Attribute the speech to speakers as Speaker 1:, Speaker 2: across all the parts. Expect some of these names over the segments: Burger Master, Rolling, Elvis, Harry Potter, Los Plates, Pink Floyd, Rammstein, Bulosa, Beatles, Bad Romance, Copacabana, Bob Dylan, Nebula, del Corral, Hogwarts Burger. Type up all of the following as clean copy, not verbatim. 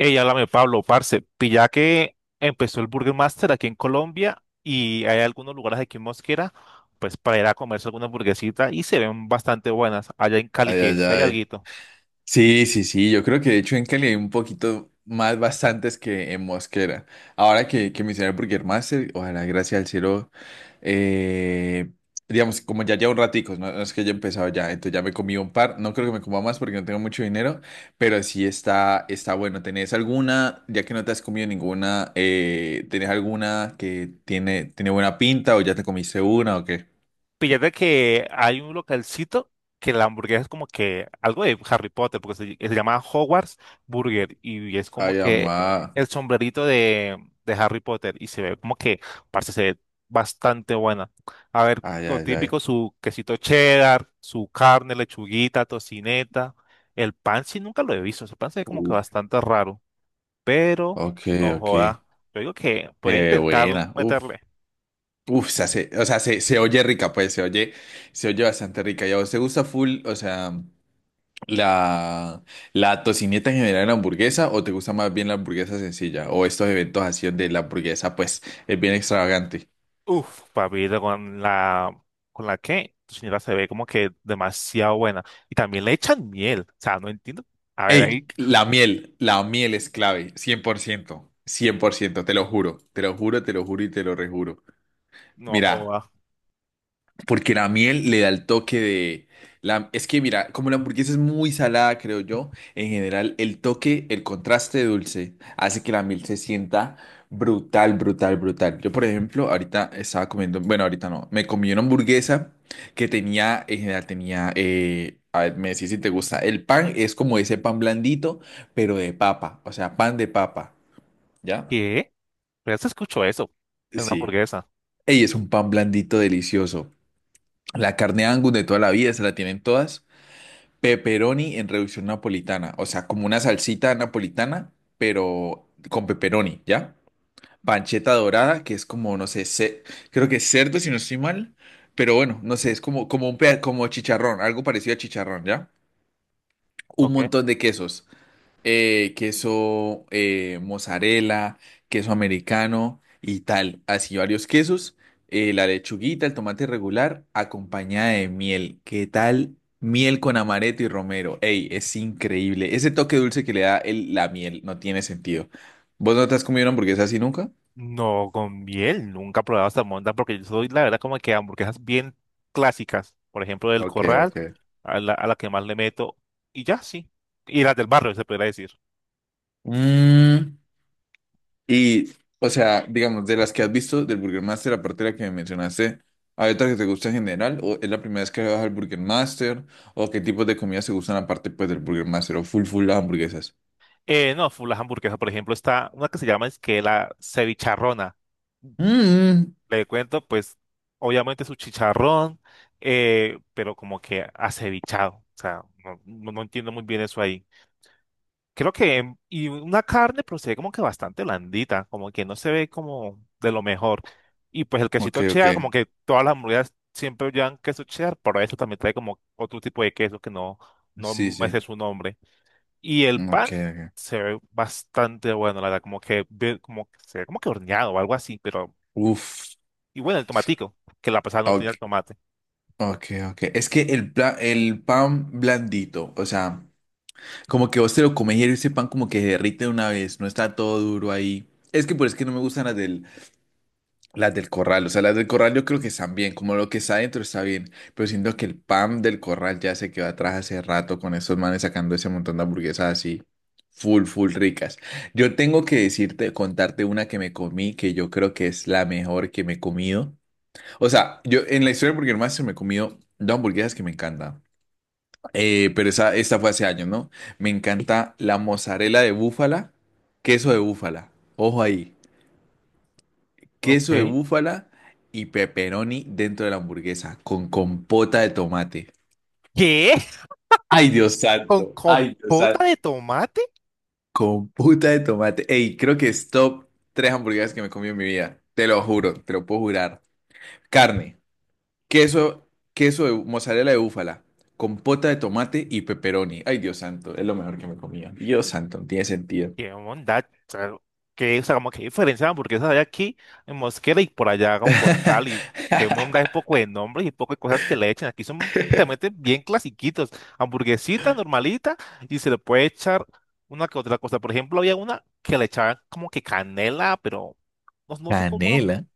Speaker 1: Ey, háblame, Pablo, parce, pilla que empezó el Burger Master aquí en Colombia y hay algunos lugares aquí en Mosquera, pues para ir a comerse alguna hamburguesita y se ven bastante buenas allá en Cali,
Speaker 2: Ay,
Speaker 1: que
Speaker 2: ay,
Speaker 1: si hay
Speaker 2: ay.
Speaker 1: alguito.
Speaker 2: Sí, sí, sí, yo creo que de hecho en Cali hay un poquito más bastantes que en Mosquera. Ahora que mencioné el Burger Master, ojalá, gracias al cielo, eh, digamos, como ya llevo un ratico, no, no es que haya empezado ya, entonces ya me comí un par, no creo que me coma más porque no tengo mucho dinero, pero sí está bueno. ¿Tenés alguna, ya que no te has comido ninguna, tenés alguna que tiene buena pinta o ya te comiste una o qué?
Speaker 1: Fíjate que hay un localcito que la hamburguesa es como que algo de Harry Potter, porque se llama Hogwarts Burger y es como
Speaker 2: Ay,
Speaker 1: que
Speaker 2: amá.
Speaker 1: el sombrerito de Harry Potter y se ve como que, parece se ve bastante buena. A ver,
Speaker 2: Ay,
Speaker 1: lo
Speaker 2: ay, ay.
Speaker 1: típico, su quesito cheddar, su carne, lechuguita, tocineta, el pan sí nunca lo he visto, ese pan se ve como que
Speaker 2: Uf.
Speaker 1: bastante raro, pero
Speaker 2: Ok,
Speaker 1: no
Speaker 2: ok.
Speaker 1: joda, yo digo que puede intentar
Speaker 2: Buena, uf,
Speaker 1: meterle.
Speaker 2: uf, o sea, se oye rica, pues, se oye bastante rica. ¿Y a vos te gusta full, o sea, la, la tocineta en general en la hamburguesa, o te gusta más bien la hamburguesa sencilla, o estos eventos así de la hamburguesa, pues, es bien extravagante?
Speaker 1: Uf, papito, con la que tu señora se ve como que demasiado buena. Y también le echan miel. O sea, no entiendo. A ver, ahí
Speaker 2: Ey, la miel es clave, cien por ciento, 100%, te lo juro, te lo juro, te lo juro y te lo rejuro.
Speaker 1: no
Speaker 2: Mira.
Speaker 1: joda.
Speaker 2: Porque la miel le da el toque de... La, es que mira, como la hamburguesa es muy salada, creo yo, en general el toque, el contraste dulce hace que la miel se sienta brutal, brutal, brutal. Yo, por ejemplo, ahorita estaba comiendo, bueno, ahorita no, me comí una hamburguesa que tenía, en general tenía, a ver, me decís si te gusta, el pan es como ese pan blandito, pero de papa, o sea, pan de papa, ¿ya?
Speaker 1: ¿Qué? Pero se escuchó eso en una
Speaker 2: Sí.
Speaker 1: hamburguesa.
Speaker 2: Ey, es un pan blandito delicioso. La carne Angus de toda la vida, se la tienen todas. Pepperoni en reducción napolitana, o sea, como una salsita napolitana, pero con pepperoni, ¿ya? Pancheta dorada, que es como, no sé, creo que es cerdo, si no estoy mal, pero bueno, no sé, es como, como un como chicharrón, algo parecido a chicharrón, ¿ya? Un
Speaker 1: ¿Ok?
Speaker 2: montón de quesos, queso mozzarella, queso americano y tal, así varios quesos, la lechuguita, el tomate regular, acompañada de miel. ¿Qué tal? Miel con amaretto y romero. Ey, es increíble. Ese toque dulce que le da el- la miel no tiene sentido. ¿Vos no te has comido una hamburguesa así nunca?
Speaker 1: No, con miel. Nunca he probado salmonda porque yo soy, la verdad, como que hamburguesas bien clásicas. Por ejemplo, del
Speaker 2: Ok,
Speaker 1: Corral,
Speaker 2: ok.
Speaker 1: a la que más le meto. Y ya, sí. Y las del barrio, se podría decir.
Speaker 2: Mm. Y, o sea, digamos, de las que has visto del Burger Master, aparte de la que me mencionaste, ¿hay otra que te gusta en general? ¿O es la primera vez que vas al Burger Master? ¿O qué tipos de comidas te gustan aparte, pues, del Burger Master? ¿O full, full hamburguesas?
Speaker 1: No, full las hamburguesas. Por ejemplo, está una que se llama es que la cevicharrona.
Speaker 2: Mm,
Speaker 1: Le cuento, pues, obviamente su chicharrón, pero como que acevichado. O sea, no entiendo muy bien eso ahí. Creo que, y una carne, pero se ve como que bastante blandita, como que no se ve como de lo mejor. Y pues el
Speaker 2: ok,
Speaker 1: quesito
Speaker 2: ok.
Speaker 1: cheddar, como que todas las hamburguesas siempre llevan queso cheddar, pero eso también trae como otro tipo de queso que no
Speaker 2: Sí,
Speaker 1: me
Speaker 2: sí.
Speaker 1: sé su nombre. Y el
Speaker 2: Ok,
Speaker 1: pan
Speaker 2: ok.
Speaker 1: se ve bastante bueno, la verdad, como que, ve- como, que se ve como que horneado o algo así, pero
Speaker 2: Uf.
Speaker 1: y bueno, el tomatico, que la pasada no tenía
Speaker 2: Ok,
Speaker 1: el tomate.
Speaker 2: ok, ok. Es que el, el pan blandito, o sea, como que vos te lo comes y ese pan como que se derrite de una vez, no está todo duro ahí. Es que por es que no me gustan las del corral, o sea, las del corral yo creo que están bien, como lo que está adentro está bien, pero siento que el pan del corral ya se quedó atrás hace rato con esos manes sacando ese montón de hamburguesas así, full, full ricas. Yo tengo que decirte, contarte una que me comí, que yo creo que es la mejor que me he comido. O sea, yo en la historia de Burger Master me he comido dos hamburguesas que me encantan. Pero esa, esta fue hace años, ¿no? Me encanta la mozzarella de búfala, queso de búfala, ojo ahí, queso de
Speaker 1: Ok.
Speaker 2: búfala y pepperoni dentro de la hamburguesa con compota de tomate.
Speaker 1: ¿Qué?
Speaker 2: Ay, Dios
Speaker 1: ¿Con
Speaker 2: santo, ay, Dios
Speaker 1: compota
Speaker 2: santo.
Speaker 1: de tomate?
Speaker 2: Compota de tomate. Ey, creo que es top tres hamburguesas que me comí en mi vida. Te lo juro, te lo puedo jurar. Carne, queso, queso de mozzarella de búfala, compota de tomate y pepperoni. Ay, Dios santo, es lo mejor que me comía. Dios santo, no tiene sentido.
Speaker 1: ¿Qué onda? Claro. ¿Qué, o sea, como que diferencia de hamburguesas hay aquí en Mosquera y por allá como por Cali? ¿Qué onda? Hay poco de nombres y poco de cosas que le echan. Aquí son, te meten bien clasiquitos. Hamburguesita normalita y se le puede echar una que otra cosa. Por ejemplo, había una que le echaban como que canela, pero no, no sé cómo
Speaker 2: Canela.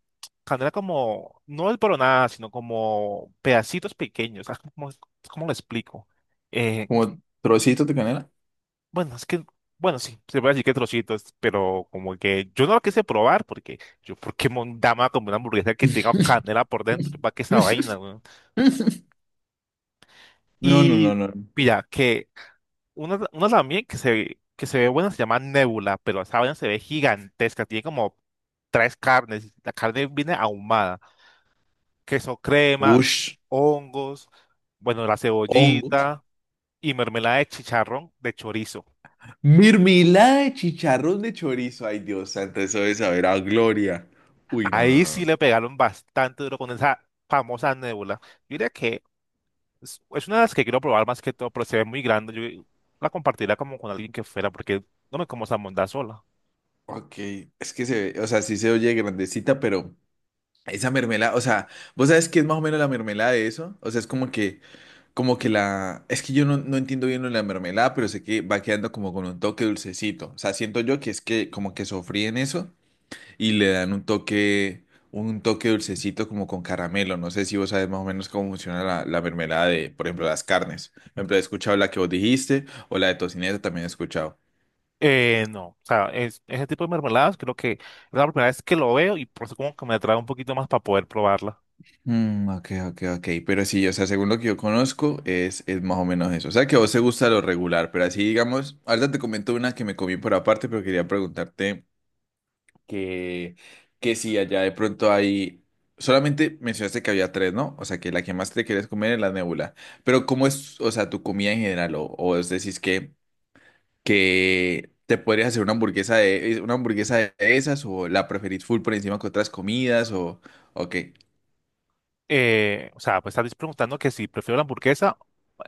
Speaker 1: canela como, no es nada, sino como pedacitos pequeños. Ah, ¿cómo, cómo lo explico? Eh,
Speaker 2: Como trocito de canela.
Speaker 1: bueno, es que, bueno, sí, se puede decir que trocitos, pero como que yo no lo quise probar porque yo, ¿por qué mondama como una hamburguesa que tenga canela por dentro? Yo, ¿para qué esa vaina, weón?
Speaker 2: No, no, no,
Speaker 1: Y
Speaker 2: no.
Speaker 1: mira, que una también que se ve buena se llama Nebula, pero esa vaina se ve gigantesca, tiene como tres carnes, la carne viene ahumada. Queso crema,
Speaker 2: Ush,
Speaker 1: hongos, bueno, la
Speaker 2: hongos.
Speaker 1: cebollita y mermelada de chicharrón de chorizo.
Speaker 2: Mermelada de chicharrón de chorizo. Ay, Dios santo, eso de saber a gloria. Uy, no, no,
Speaker 1: Ahí
Speaker 2: no,
Speaker 1: sí
Speaker 2: no.
Speaker 1: le pegaron bastante duro con esa famosa nébula. Yo diría que es una de las que quiero probar más que todo, pero se ve muy grande. Yo la compartiría como con alguien que fuera, porque no me como esa mondá sola.
Speaker 2: Ok, es que se ve, o sea, sí se oye grandecita, pero esa mermelada, o sea, ¿vos sabes qué es más o menos la mermelada de eso? O sea, es como que la, es que yo no, no entiendo bien lo de la mermelada, pero sé que va quedando como con un toque dulcecito. O sea, siento yo que es que como que sofríen eso y le dan un toque dulcecito como con caramelo. No sé si vos sabes más o menos cómo funciona la mermelada de, por ejemplo, las carnes. Por ejemplo, he escuchado la que vos dijiste o la de tocineta también he escuchado.
Speaker 1: No, o sea, es- ese tipo de mermeladas creo que es la primera vez que lo veo y por eso como que me atrae un poquito más para poder probarla.
Speaker 2: Mm, ok, ok, ok. Pero sí, o sea, según lo que yo conozco, es más o menos eso. O sea, que a vos te gusta lo regular, pero así, digamos, ahorita te comento una que me comí por aparte, pero quería preguntarte que, que sí, allá de pronto hay... Solamente mencionaste que había tres, ¿no? O sea, que la que más te quieres comer es la Nebula. Pero ¿cómo es, o sea, tu comida en general? O es decir, que te podrías hacer una hamburguesa de esas o la preferís full por encima que otras comidas o qué.
Speaker 1: O sea, pues estás preguntando que si prefiero la hamburguesa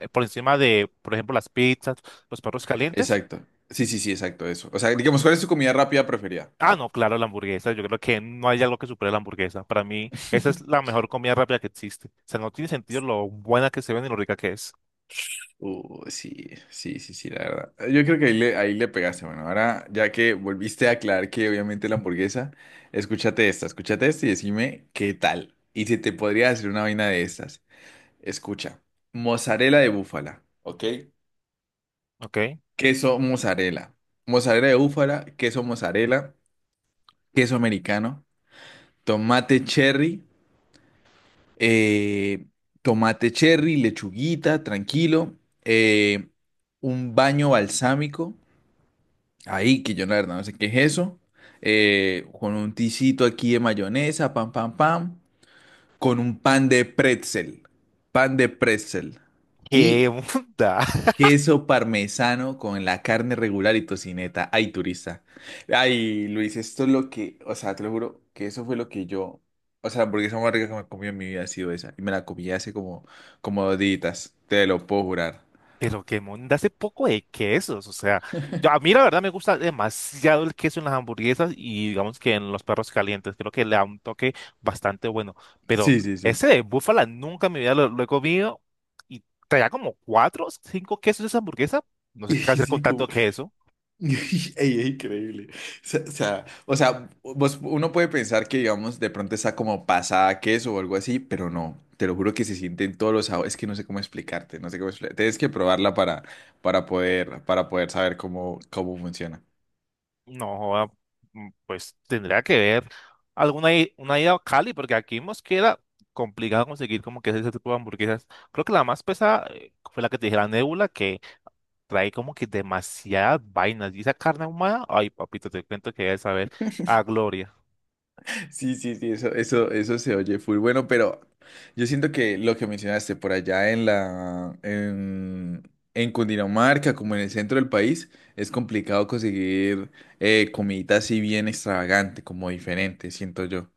Speaker 1: por encima de, por ejemplo, las pizzas, los perros calientes.
Speaker 2: Exacto. Sí, sí, sí, exacto, eso. O sea, digamos, ¿cuál es tu comida rápida preferida?
Speaker 1: Ah,
Speaker 2: Ah.
Speaker 1: no, claro, la hamburguesa. Yo creo que no hay algo que supere la hamburguesa. Para mí, esa es la mejor comida rápida que existe. O sea, no tiene sentido lo buena que se ve ni lo rica que es.
Speaker 2: Sí, sí, sí, sí, la verdad. Yo creo que ahí le pegaste. Bueno, ahora ya que volviste a aclarar que obviamente la hamburguesa, escúchate esta y decime qué tal. Y si te podría hacer una vaina de estas. Escucha, mozzarella de búfala, ¿ok?
Speaker 1: ¿Ok?
Speaker 2: Queso mozzarella, mozzarella de búfala, queso mozzarella, queso americano, tomate cherry, eh, tomate cherry, lechuguita, tranquilo, eh, un baño balsámico. Ahí, que yo la verdad no sé qué es eso. Con un ticito aquí de mayonesa, pam, pam, pam. Con un pan de pretzel. Pan de pretzel.
Speaker 1: ¿Qué
Speaker 2: Y
Speaker 1: onda?
Speaker 2: queso parmesano con la carne regular y tocineta. Ay, turista. Ay, Luis, esto es lo que, o sea, te lo juro que eso fue lo que yo, o sea, la hamburguesa más rica que me he comido en mi vida ha sido esa. Y me la comí hace como, como 2 días. Te lo puedo jurar.
Speaker 1: Pero que monda hace poco de quesos, o sea, yo- a mí la verdad me gusta demasiado el queso en las hamburguesas y digamos que en los perros calientes, creo que le da un toque bastante bueno, pero
Speaker 2: Sí, sí, sí.
Speaker 1: ese de búfala nunca en mi vida lo he comido y traía como cuatro o cinco quesos esa hamburguesa, no sé
Speaker 2: Y
Speaker 1: qué hacer con
Speaker 2: sí,
Speaker 1: tanto queso,
Speaker 2: ey, ey, increíble. O sea, o sea, o sea, uno puede pensar que, digamos, de pronto está como pasada a queso o algo así, pero no. Te lo juro que se sienten todos los sabores. Es que no sé cómo explicarte, no sé cómo explicarte. Tienes que probarla para poder saber cómo funciona.
Speaker 1: no, joda, mm, pues tendría que ver alguna i- una ida a Cali, porque aquí en Mosquera complicado conseguir como que ese tipo de hamburguesas, creo que la más pesada fue la que te dije, la Nébula, que trae como que demasiadas vainas. Y esa carne ahumada, ay, papito, te cuento que debes saber a gloria.
Speaker 2: Sí, sí, sí, eso se oye full. Bueno, pero yo siento que lo que mencionaste por allá en Cundinamarca, como en el centro del país, es complicado conseguir comidita así bien extravagante, como diferente, siento yo.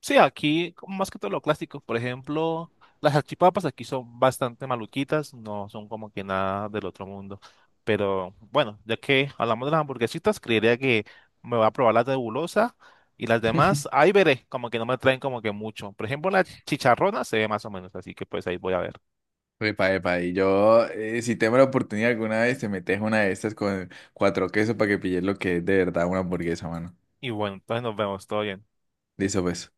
Speaker 1: Sí, aquí como más que todo lo clásico, por ejemplo, las salchipapas aquí son bastante maluquitas, no son como que nada del otro mundo. Pero bueno, ya que hablamos de las hamburguesitas, creería que me va a probar las de Bulosa y las demás, ahí veré, como que no me traen como que mucho. Por ejemplo, la chicharrona se ve más o menos, así que pues ahí voy a ver.
Speaker 2: Epa, epa, y yo, si tengo la oportunidad alguna vez, te metes una de estas con cuatro quesos para que pilles lo que es de verdad una hamburguesa, mano.
Speaker 1: Y bueno, entonces nos vemos, todo bien.
Speaker 2: Listo, pues.